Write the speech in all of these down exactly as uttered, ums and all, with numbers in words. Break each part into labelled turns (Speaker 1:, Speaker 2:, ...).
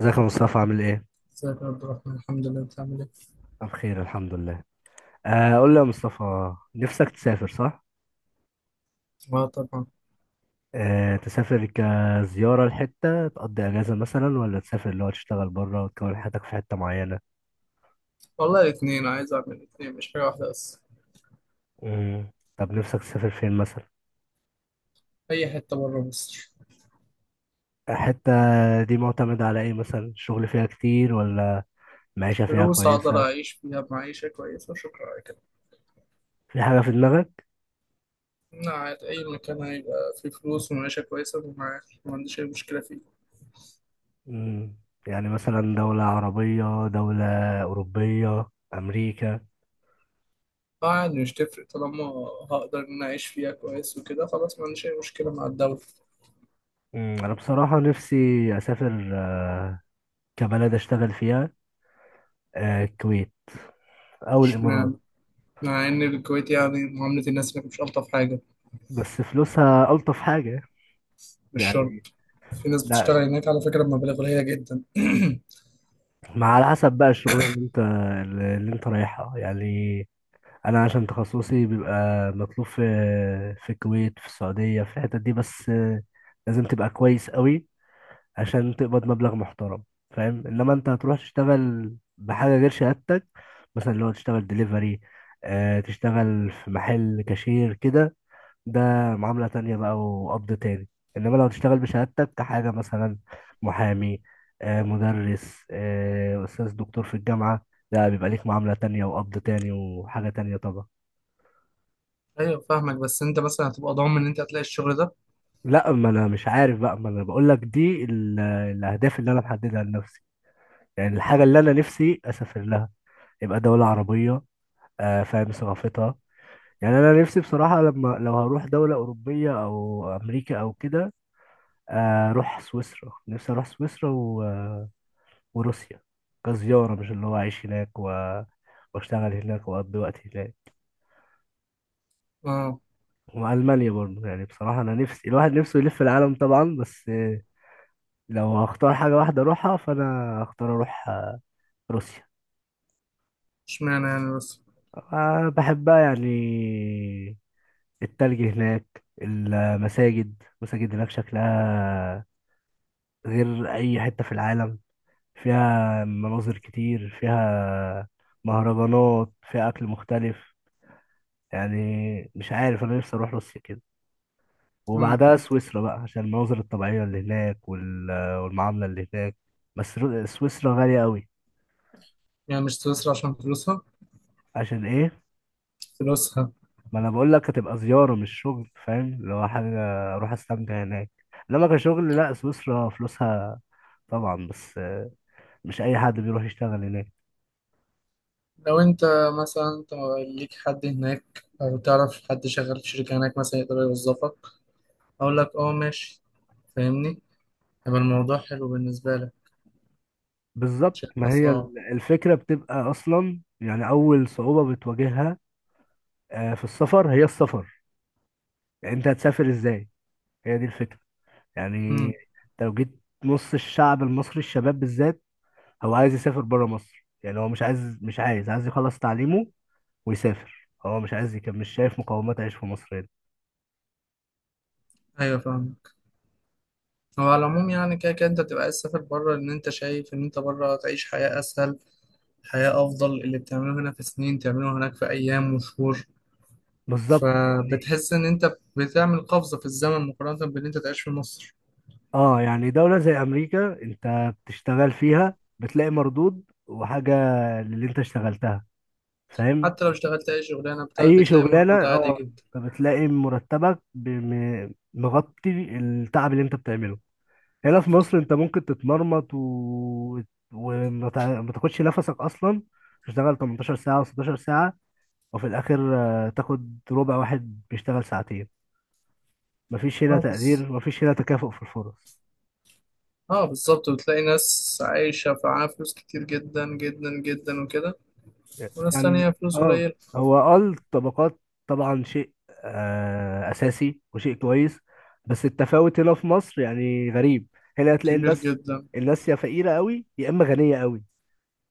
Speaker 1: ازيك يا مصطفى؟ عامل ايه؟
Speaker 2: ازيك يا عبد الرحمن، الحمد لله، انت عامل ايه؟
Speaker 1: أنا بخير الحمد لله. آه قول لي يا مصطفى، نفسك تسافر صح؟
Speaker 2: اه طبعا.
Speaker 1: آه تسافر كزيارة لحتة تقضي أجازة مثلا، ولا تسافر اللي هو تشتغل بره وتكون حياتك في حتة معينة؟
Speaker 2: والله الاثنين، عايز اعمل الاثنين مش حاجة واحدة بس.
Speaker 1: مم. طب نفسك تسافر فين مثلا؟
Speaker 2: اي حتة بره مصر.
Speaker 1: الحتة دي معتمدة على ايه مثلا؟ الشغل فيها كتير، ولا معيشة فيها
Speaker 2: فلوس اقدر
Speaker 1: كويسة؟
Speaker 2: اعيش فيها معيشة كويسة وشكرا على كده.
Speaker 1: في حاجة في دماغك؟
Speaker 2: انا قاعد اي مكان هيبقى فيه فلوس ومعيشة كويسة، ومع- ما عنديش اي مشكلة فيه.
Speaker 1: مم. يعني مثلا دولة عربية، دولة أوروبية، أمريكا؟
Speaker 2: قاعد مش تفرق، طالما هقدر ان أنا اعيش فيها كويس وكده خلاص، ما عنديش اي مشكلة مع الدولة.
Speaker 1: مم. أنا بصراحة نفسي أسافر آه، كبلد اشتغل فيها. آه الكويت او الامارات.
Speaker 2: اشمعنى؟ مع ان الكويت يعني معاملة الناس هناك مش الطف حاجة.
Speaker 1: بس فلوسها الطف حاجه
Speaker 2: مش شرط.
Speaker 1: يعني.
Speaker 2: في ناس
Speaker 1: لا،
Speaker 2: بتشتغل هناك على فكرة بمبالغ قليلة جدا.
Speaker 1: مع على حسب بقى الشغلانه اللي انت اللي انت رايحها يعني. انا عشان تخصصي بيبقى مطلوب في في الكويت، في السعوديه، في الحتت دي، بس آه، لازم تبقى كويس قوي عشان تقبض مبلغ محترم، فاهم؟ انما انت هتروح تشتغل بحاجه غير شهادتك، مثلا لو تشتغل ديليفري، تشتغل في محل كاشير كده، ده معاملة تانية بقى وقبض تاني. إنما لو تشتغل بشهادتك كحاجة مثلا محامي، آه مدرس، آه أستاذ دكتور في الجامعة، لا، بيبقى ليك معاملة تانية وقبض تاني وحاجة تانية طبعا.
Speaker 2: ايوه فاهمك، بس انت مثلا هتبقى ضامن ان انت هتلاقي الشغل ده؟
Speaker 1: لا، ما أنا مش عارف بقى، ما أنا بقول لك دي ال- الأهداف اللي أنا محددها لنفسي، يعني الحاجة اللي أنا نفسي أسافر لها، يبقى دولة عربية آه فاهم ثقافتها. يعني أنا نفسي بصراحة، لما لو هروح دولة أوروبية أو أمريكا أو كده، آه، أروح سويسرا، نفسي أروح سويسرا و وروسيا كزيارة، مش اللي هو أعيش هناك و... وأشتغل هناك وأقضي وقت هناك.
Speaker 2: اه.
Speaker 1: وألمانيا برضه. يعني بصراحة أنا نفسي الواحد نفسه يلف العالم طبعا، بس لو هختار حاجة واحدة أروحها فأنا هختار أروح روسيا.
Speaker 2: اشمعنى يعني؟ بس
Speaker 1: أنا بحبها يعني. التلج هناك، المساجد المساجد هناك شكلها غير أي حتة في العالم، فيها مناظر كتير، فيها مهرجانات، فيها أكل مختلف. يعني مش عارف، انا نفسي اروح روسيا كده،
Speaker 2: امم.
Speaker 1: وبعدها سويسرا بقى عشان المناظر الطبيعية اللي هناك وال- والمعاملة اللي هناك. بس رو- سويسرا غالية قوي.
Speaker 2: يعني مش سويسرا عشان فلوسها؟
Speaker 1: عشان ايه؟
Speaker 2: فلوسها.
Speaker 1: ما انا بقول لك هتبقى زيارة مش شغل، فاهم؟ اللي هو حاجة اروح استمتع هناك. انما كشغل، لا، سويسرا فلوسها طبعا، بس مش اي حد بيروح يشتغل هناك.
Speaker 2: لو انت مثلا، انت ليك حد هناك او تعرف حد شغال في شركة هناك مثلا يقدر يوظفك، اقول لك اه ماشي، فاهمني؟ هيبقى الموضوع حلو بالنسبة لك.
Speaker 1: بالظبط،
Speaker 2: مش
Speaker 1: ما
Speaker 2: هيبقى
Speaker 1: هي
Speaker 2: صعب.
Speaker 1: ال- الفكرة بتبقى اصلا يعني اول صعوبة بتواجهها آه، في السفر. هي السفر يعني، انت هتسافر ازاي؟ هي دي الفكرة يعني.
Speaker 2: امم.
Speaker 1: انت لو جيت نص الشعب المصري، الشباب بالذات، هو عايز يسافر بره مصر. يعني هو مش عايز مش عايز عايز يخلص تعليمه ويسافر، هو مش عايز يكمل، مش شايف مقومات عيش في مصر هنا.
Speaker 2: ايوه فاهمك. هو على العموم يعني كده كده انت بتبقى عايز تسافر بره، ان انت شايف ان انت بره تعيش حياة اسهل، حياة افضل. اللي بتعمله هنا في سنين تعمله هناك في ايام وشهور.
Speaker 1: بالظبط يعني.
Speaker 2: فبتحس ان انت بتعمل قفزة في الزمن مقارنة بان انت تعيش في مصر.
Speaker 1: اه، يعني دولة زي امريكا انت بتشتغل فيها بتلاقي مردود وحاجة للي انت اشتغلتها، فاهم؟
Speaker 2: حتى لو اشتغلت اي شغلانة بت-
Speaker 1: اي
Speaker 2: بتلاقي
Speaker 1: شغلانة،
Speaker 2: مردود عالي
Speaker 1: اه،
Speaker 2: جدا.
Speaker 1: بتلاقي مرتبك بم- مغطي التعب اللي انت بتعمله. هنا في مصر انت ممكن تتمرمط و... وما تع- ما تاخدش نفسك اصلا، تشتغل ثمانية عشر ساعة و16 ساعة وفي الاخر آه، تاخد ربع واحد بيشتغل ساعتين. مفيش هنا
Speaker 2: اه بس.
Speaker 1: تقدير، مفيش هنا تكافؤ في الفرص.
Speaker 2: اه بالظبط، وبتلاقي ناس عايشة معاها فلوس كتير جدا جدا جدا وكده، وناس تانية
Speaker 1: يعني
Speaker 2: فلوس
Speaker 1: اه،
Speaker 2: قليل.
Speaker 1: هو اه الطبقات طبعا شيء آه اساسي وشيء كويس، بس التفاوت هنا في مصر يعني غريب. هنا هتلاقي
Speaker 2: كبير
Speaker 1: الناس
Speaker 2: جدا.
Speaker 1: الناس يا فقيرة قوي يا اما غنية قوي،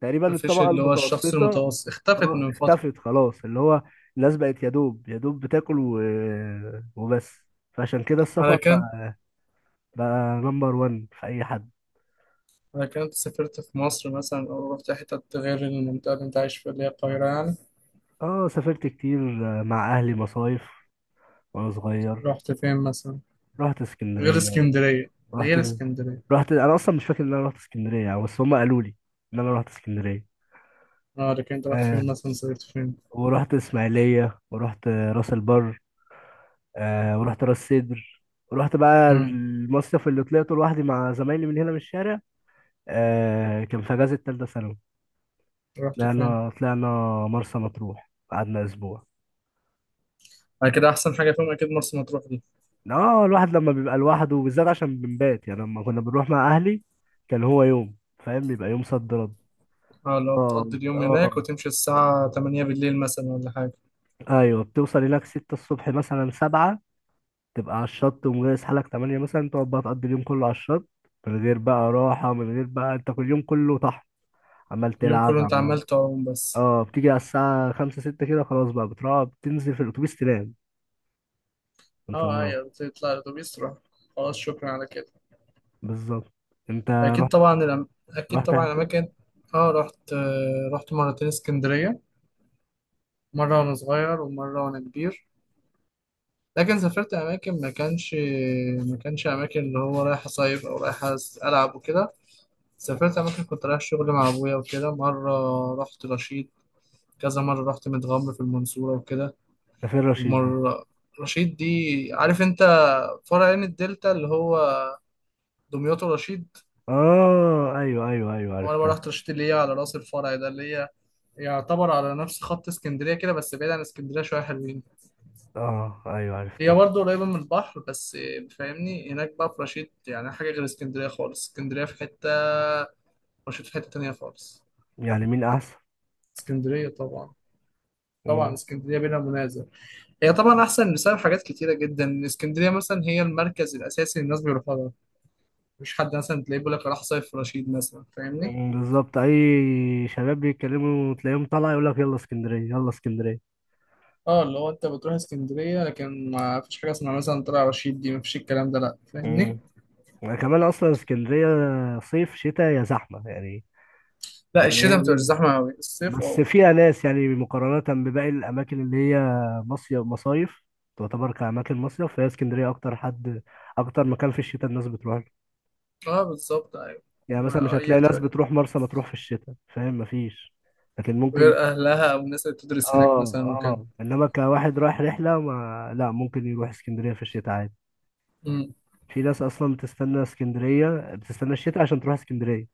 Speaker 1: تقريبا
Speaker 2: مفيش
Speaker 1: الطبقة
Speaker 2: اللي هو الشخص
Speaker 1: المتوسطة
Speaker 2: المتوسط، اختفت
Speaker 1: اه
Speaker 2: من فترة.
Speaker 1: اختفت خلاص. اللي هو الناس بقت يا دوب يا دوب بتاكل و... وبس. فعشان كده
Speaker 2: على
Speaker 1: السفر
Speaker 2: كان
Speaker 1: بقى، بقى نمبر وان في اي حد.
Speaker 2: على كان أنت سافرت في مصر مثلا أو رحت حتة غير المنطقة اللي أنت عايش فيها اللي هي القاهرة، يعني؟
Speaker 1: اه سافرت كتير مع اهلي مصايف وانا صغير.
Speaker 2: رحت فين مثلا؟
Speaker 1: رحت
Speaker 2: غير
Speaker 1: اسكندريه.
Speaker 2: اسكندرية.
Speaker 1: رحت
Speaker 2: غير اسكندرية.
Speaker 1: رحت انا اصلا مش فاكر ان انا رحت اسكندريه يعني، بس هم قالوا لي ان انا رحت اسكندريه.
Speaker 2: اه لكن انت رحت
Speaker 1: آه
Speaker 2: فين مثلا؟ صيفت فين؟
Speaker 1: ورحت اسماعيليه، ورحت راس البر، آه ورحت راس سدر، ورحت بقى
Speaker 2: امم.
Speaker 1: المصيف اللي طلعته لوحدي مع زمايلي من هنا من الشارع. آه كان في اجازه تالتة ثانوي.
Speaker 2: رحت فين؟
Speaker 1: طلعنا طلعنا مرسى مطروح، قعدنا اسبوع.
Speaker 2: بعد كده احسن حاجه فيهم اكيد مرسى مطروح دي.
Speaker 1: اه، الواحد لما بيبقى لوحده وبالذات عشان بنبات، يعني لما كنا بنروح مع اهلي كان هو يوم، فاهم؟ بيبقى يوم صد رد.
Speaker 2: اه لو
Speaker 1: اه
Speaker 2: بتقضي اليوم
Speaker 1: اه
Speaker 2: هناك وتمشي الساعه تمانية بالليل مثلا ولا حاجه.
Speaker 1: ايوه، بتوصل هناك ستة الصبح مثلا، سبعة، تبقى على الشط ومجهز حالك تمانية مثلا، تقعد بقى تقضي اليوم كله على الشط من غير بقى راحة، من غير بقى، انت كل يوم كله طحن، عمال
Speaker 2: اليوم كله
Speaker 1: تلعب
Speaker 2: انت
Speaker 1: عمال.
Speaker 2: عمال تعوم بس.
Speaker 1: اه بتيجي على الساعة خمسة ستة كده، خلاص بقى بتروح، بتنزل في الأتوبيس تنام، انت
Speaker 2: اه
Speaker 1: مروح.
Speaker 2: ايوه، بتطلع الاتوبيس تروح خلاص، شكرا على كده.
Speaker 1: بالظبط. انت
Speaker 2: اكيد
Speaker 1: رحت،
Speaker 2: طبعا الأم... اكيد
Speaker 1: رحت
Speaker 2: طبعا
Speaker 1: حته.
Speaker 2: الاماكن. اه رحت، آه رحت مرتين اسكندريه، مره وانا صغير ومره وانا كبير. لكن سافرت اماكن ما كانش ما كانش اماكن اللي هو رايح اصيف او رايح العب وكده. سافرت
Speaker 1: مم.
Speaker 2: أماكن كنت رايح شغل مع أبويا وكده، مرة رحت رشيد، كذا مرة رحت متغمر في المنصورة وكده،
Speaker 1: سفير رشيد دي؟
Speaker 2: ومرة رشيد دي. عارف أنت فرع عين الدلتا اللي هو دمياط ورشيد؟
Speaker 1: اه ايوه ايوه ايوه،
Speaker 2: وأنا بقى
Speaker 1: عرفتها.
Speaker 2: رحت رشيد اللي هي على رأس الفرع ده، اللي هي يعتبر على نفس خط اسكندرية كده بس بعيد عن اسكندرية شوية، حلوين.
Speaker 1: اه ايوه
Speaker 2: هي
Speaker 1: عرفتها.
Speaker 2: برضه قريبة من البحر بس، فاهمني؟ هناك بقى في رشيد يعني حاجة غير اسكندرية خالص. اسكندرية في حتة، رشيد في حتة تانية خالص.
Speaker 1: يعني مين احسن؟
Speaker 2: اسكندرية طبعا. طبعا
Speaker 1: مم.
Speaker 2: اسكندرية بلا منازع. هي طبعا احسن بسبب حاجات كتيره جدا. اسكندريه مثلا هي المركز الاساسي اللي الناس بيروحوا لها. مفيش حد مثلا تلاقيه بيقول لك راح صيف في رشيد مثلا، فاهمني؟
Speaker 1: مم، بالظبط. اي شباب بيتكلموا تلاقيهم طالع يقول لك يلا اسكندريه يلا اسكندريه.
Speaker 2: اه اللي هو انت بتروح اسكندريه لكن ما فيش حاجه اسمها مثلا طلع رشيد دي، مفيش الكلام ده لا، فاهمني؟
Speaker 1: مم. كمان اصلا اسكندريه صيف شتاء يا زحمه يعني.
Speaker 2: لا،
Speaker 1: يعني هي
Speaker 2: الشتاء بتبقى
Speaker 1: ال-
Speaker 2: زحمه قوي، الصيف
Speaker 1: بس
Speaker 2: واو.
Speaker 1: فيها ناس، يعني مقارنه بباقي الاماكن اللي هي مصيف، مصايف تعتبر كأماكن مصيف، فهي اسكندرية أكتر حد، أكتر مكان في الشتاء الناس بتروح.
Speaker 2: اه بالظبط ايوه.
Speaker 1: يعني
Speaker 2: ما
Speaker 1: مثلا مش
Speaker 2: هي
Speaker 1: هتلاقي ناس
Speaker 2: بتبقى
Speaker 1: بتروح مرسى مطروح في الشتاء، فاهم؟ مفيش. لكن ممكن،
Speaker 2: غير اهلها او الناس اللي بتدرس هناك
Speaker 1: اه
Speaker 2: مثلا وكده.
Speaker 1: اه، انما كواحد رايح رحله، ما لا، ممكن يروح اسكندريه في الشتاء عادي.
Speaker 2: امم.
Speaker 1: في ناس اصلا بتستنى اسكندريه، بتستنى الشتاء عشان تروح اسكندريه.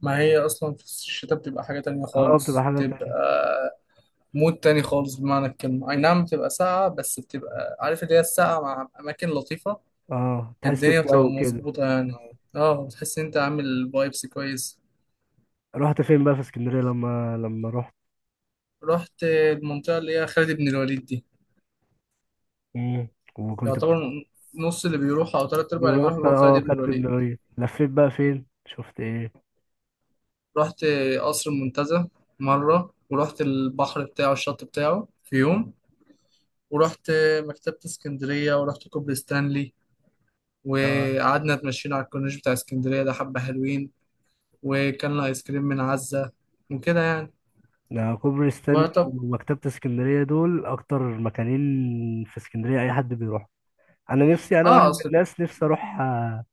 Speaker 2: ما هي اصلا في الشتاء بتبقى حاجه تانية
Speaker 1: اه، بتبقى
Speaker 2: خالص،
Speaker 1: حاجه
Speaker 2: بتبقى
Speaker 1: تانية.
Speaker 2: مود تاني خالص بمعنى الكلمة. أي نعم بتبقى ساقعة، بس بتبقى عارف اللي هي الساقعة مع أماكن لطيفة.
Speaker 1: اه تحس
Speaker 2: الدنيا بتبقى
Speaker 1: بجو كده.
Speaker 2: مظبوطة يعني.
Speaker 1: آه.
Speaker 2: اه بتحس إن أنت عامل فايبس كويس.
Speaker 1: رحت فين بقى في اسكندريه لما لما رحت؟
Speaker 2: رحت المنطقة اللي هي خالد بن الوليد دي.
Speaker 1: مم. وكنت بت...
Speaker 2: يعتبر نص اللي بيروح أو تلات أرباع اللي بيروح
Speaker 1: رحت
Speaker 2: بيروح خالد
Speaker 1: اه
Speaker 2: بن
Speaker 1: خالد بن
Speaker 2: الوليد.
Speaker 1: الوليد، لفيت بقى فين، شفت ايه؟
Speaker 2: رحت قصر المنتزه مرة، ورحت البحر بتاعه الشط بتاعه في يوم، ورحت مكتبة اسكندرية، ورحت كوبري ستانلي،
Speaker 1: آه.
Speaker 2: وقعدنا اتمشينا على الكورنيش بتاع اسكندرية ده، حبة حلوين. وكان ايس كريم من عزة وكده يعني.
Speaker 1: ده كوبري ستانلي
Speaker 2: وطب
Speaker 1: ومكتبة اسكندرية دول أكتر مكانين في اسكندرية أي حد بيروح. أنا نفسي، أنا واحد
Speaker 2: اه
Speaker 1: من
Speaker 2: اصل.
Speaker 1: الناس نفسي أروح آه،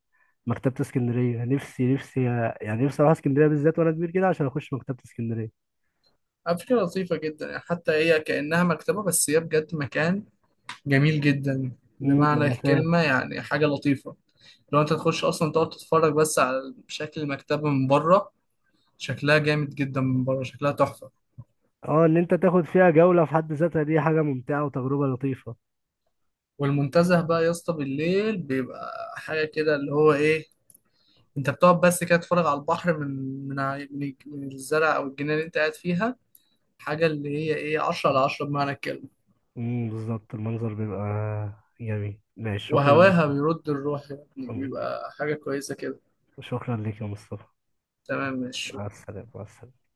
Speaker 1: مكتبة اسكندرية، نفسي نفسي آه، يعني نفسي أروح اسكندرية بالذات وأنا كبير كده عشان أخش مكتبة اسكندرية.
Speaker 2: على فكرة لطيفة جدا يعني، حتى هي كأنها مكتبة بس هي بجد مكان جميل جدا
Speaker 1: أمم،
Speaker 2: بمعنى
Speaker 1: أنا فاهم.
Speaker 2: الكلمة، يعني حاجة لطيفة. لو انت تخش اصلا تقعد تتفرج بس على شكل المكتبة من بره، شكلها جامد جدا من بره، شكلها تحفة.
Speaker 1: أه، إن أنت تاخد فيها جولة في حد ذاتها دي حاجة ممتعة وتجربة لطيفة.
Speaker 2: والمنتزه بقى يا اسطى بالليل بيبقى حاجة كده اللي هو ايه، انت بتقعد بس كده تتفرج على البحر من من ع- من الج- من الزرع او الجنينة اللي انت قاعد فيها. حاجة اللي هي ايه، عشرة على عشرة بمعنى الكلمة.
Speaker 1: أمم بالظبط، المنظر بيبقى جميل. ماشي، شكرا يا
Speaker 2: وهواها
Speaker 1: مصطفى.
Speaker 2: بيرد الروح، يعني
Speaker 1: أمم،
Speaker 2: بيبقى حاجة كويسة كده.
Speaker 1: شكرا لك يا مصطفى.
Speaker 2: تمام ماشي
Speaker 1: مع
Speaker 2: شكراً.
Speaker 1: السلامة مع السلامة.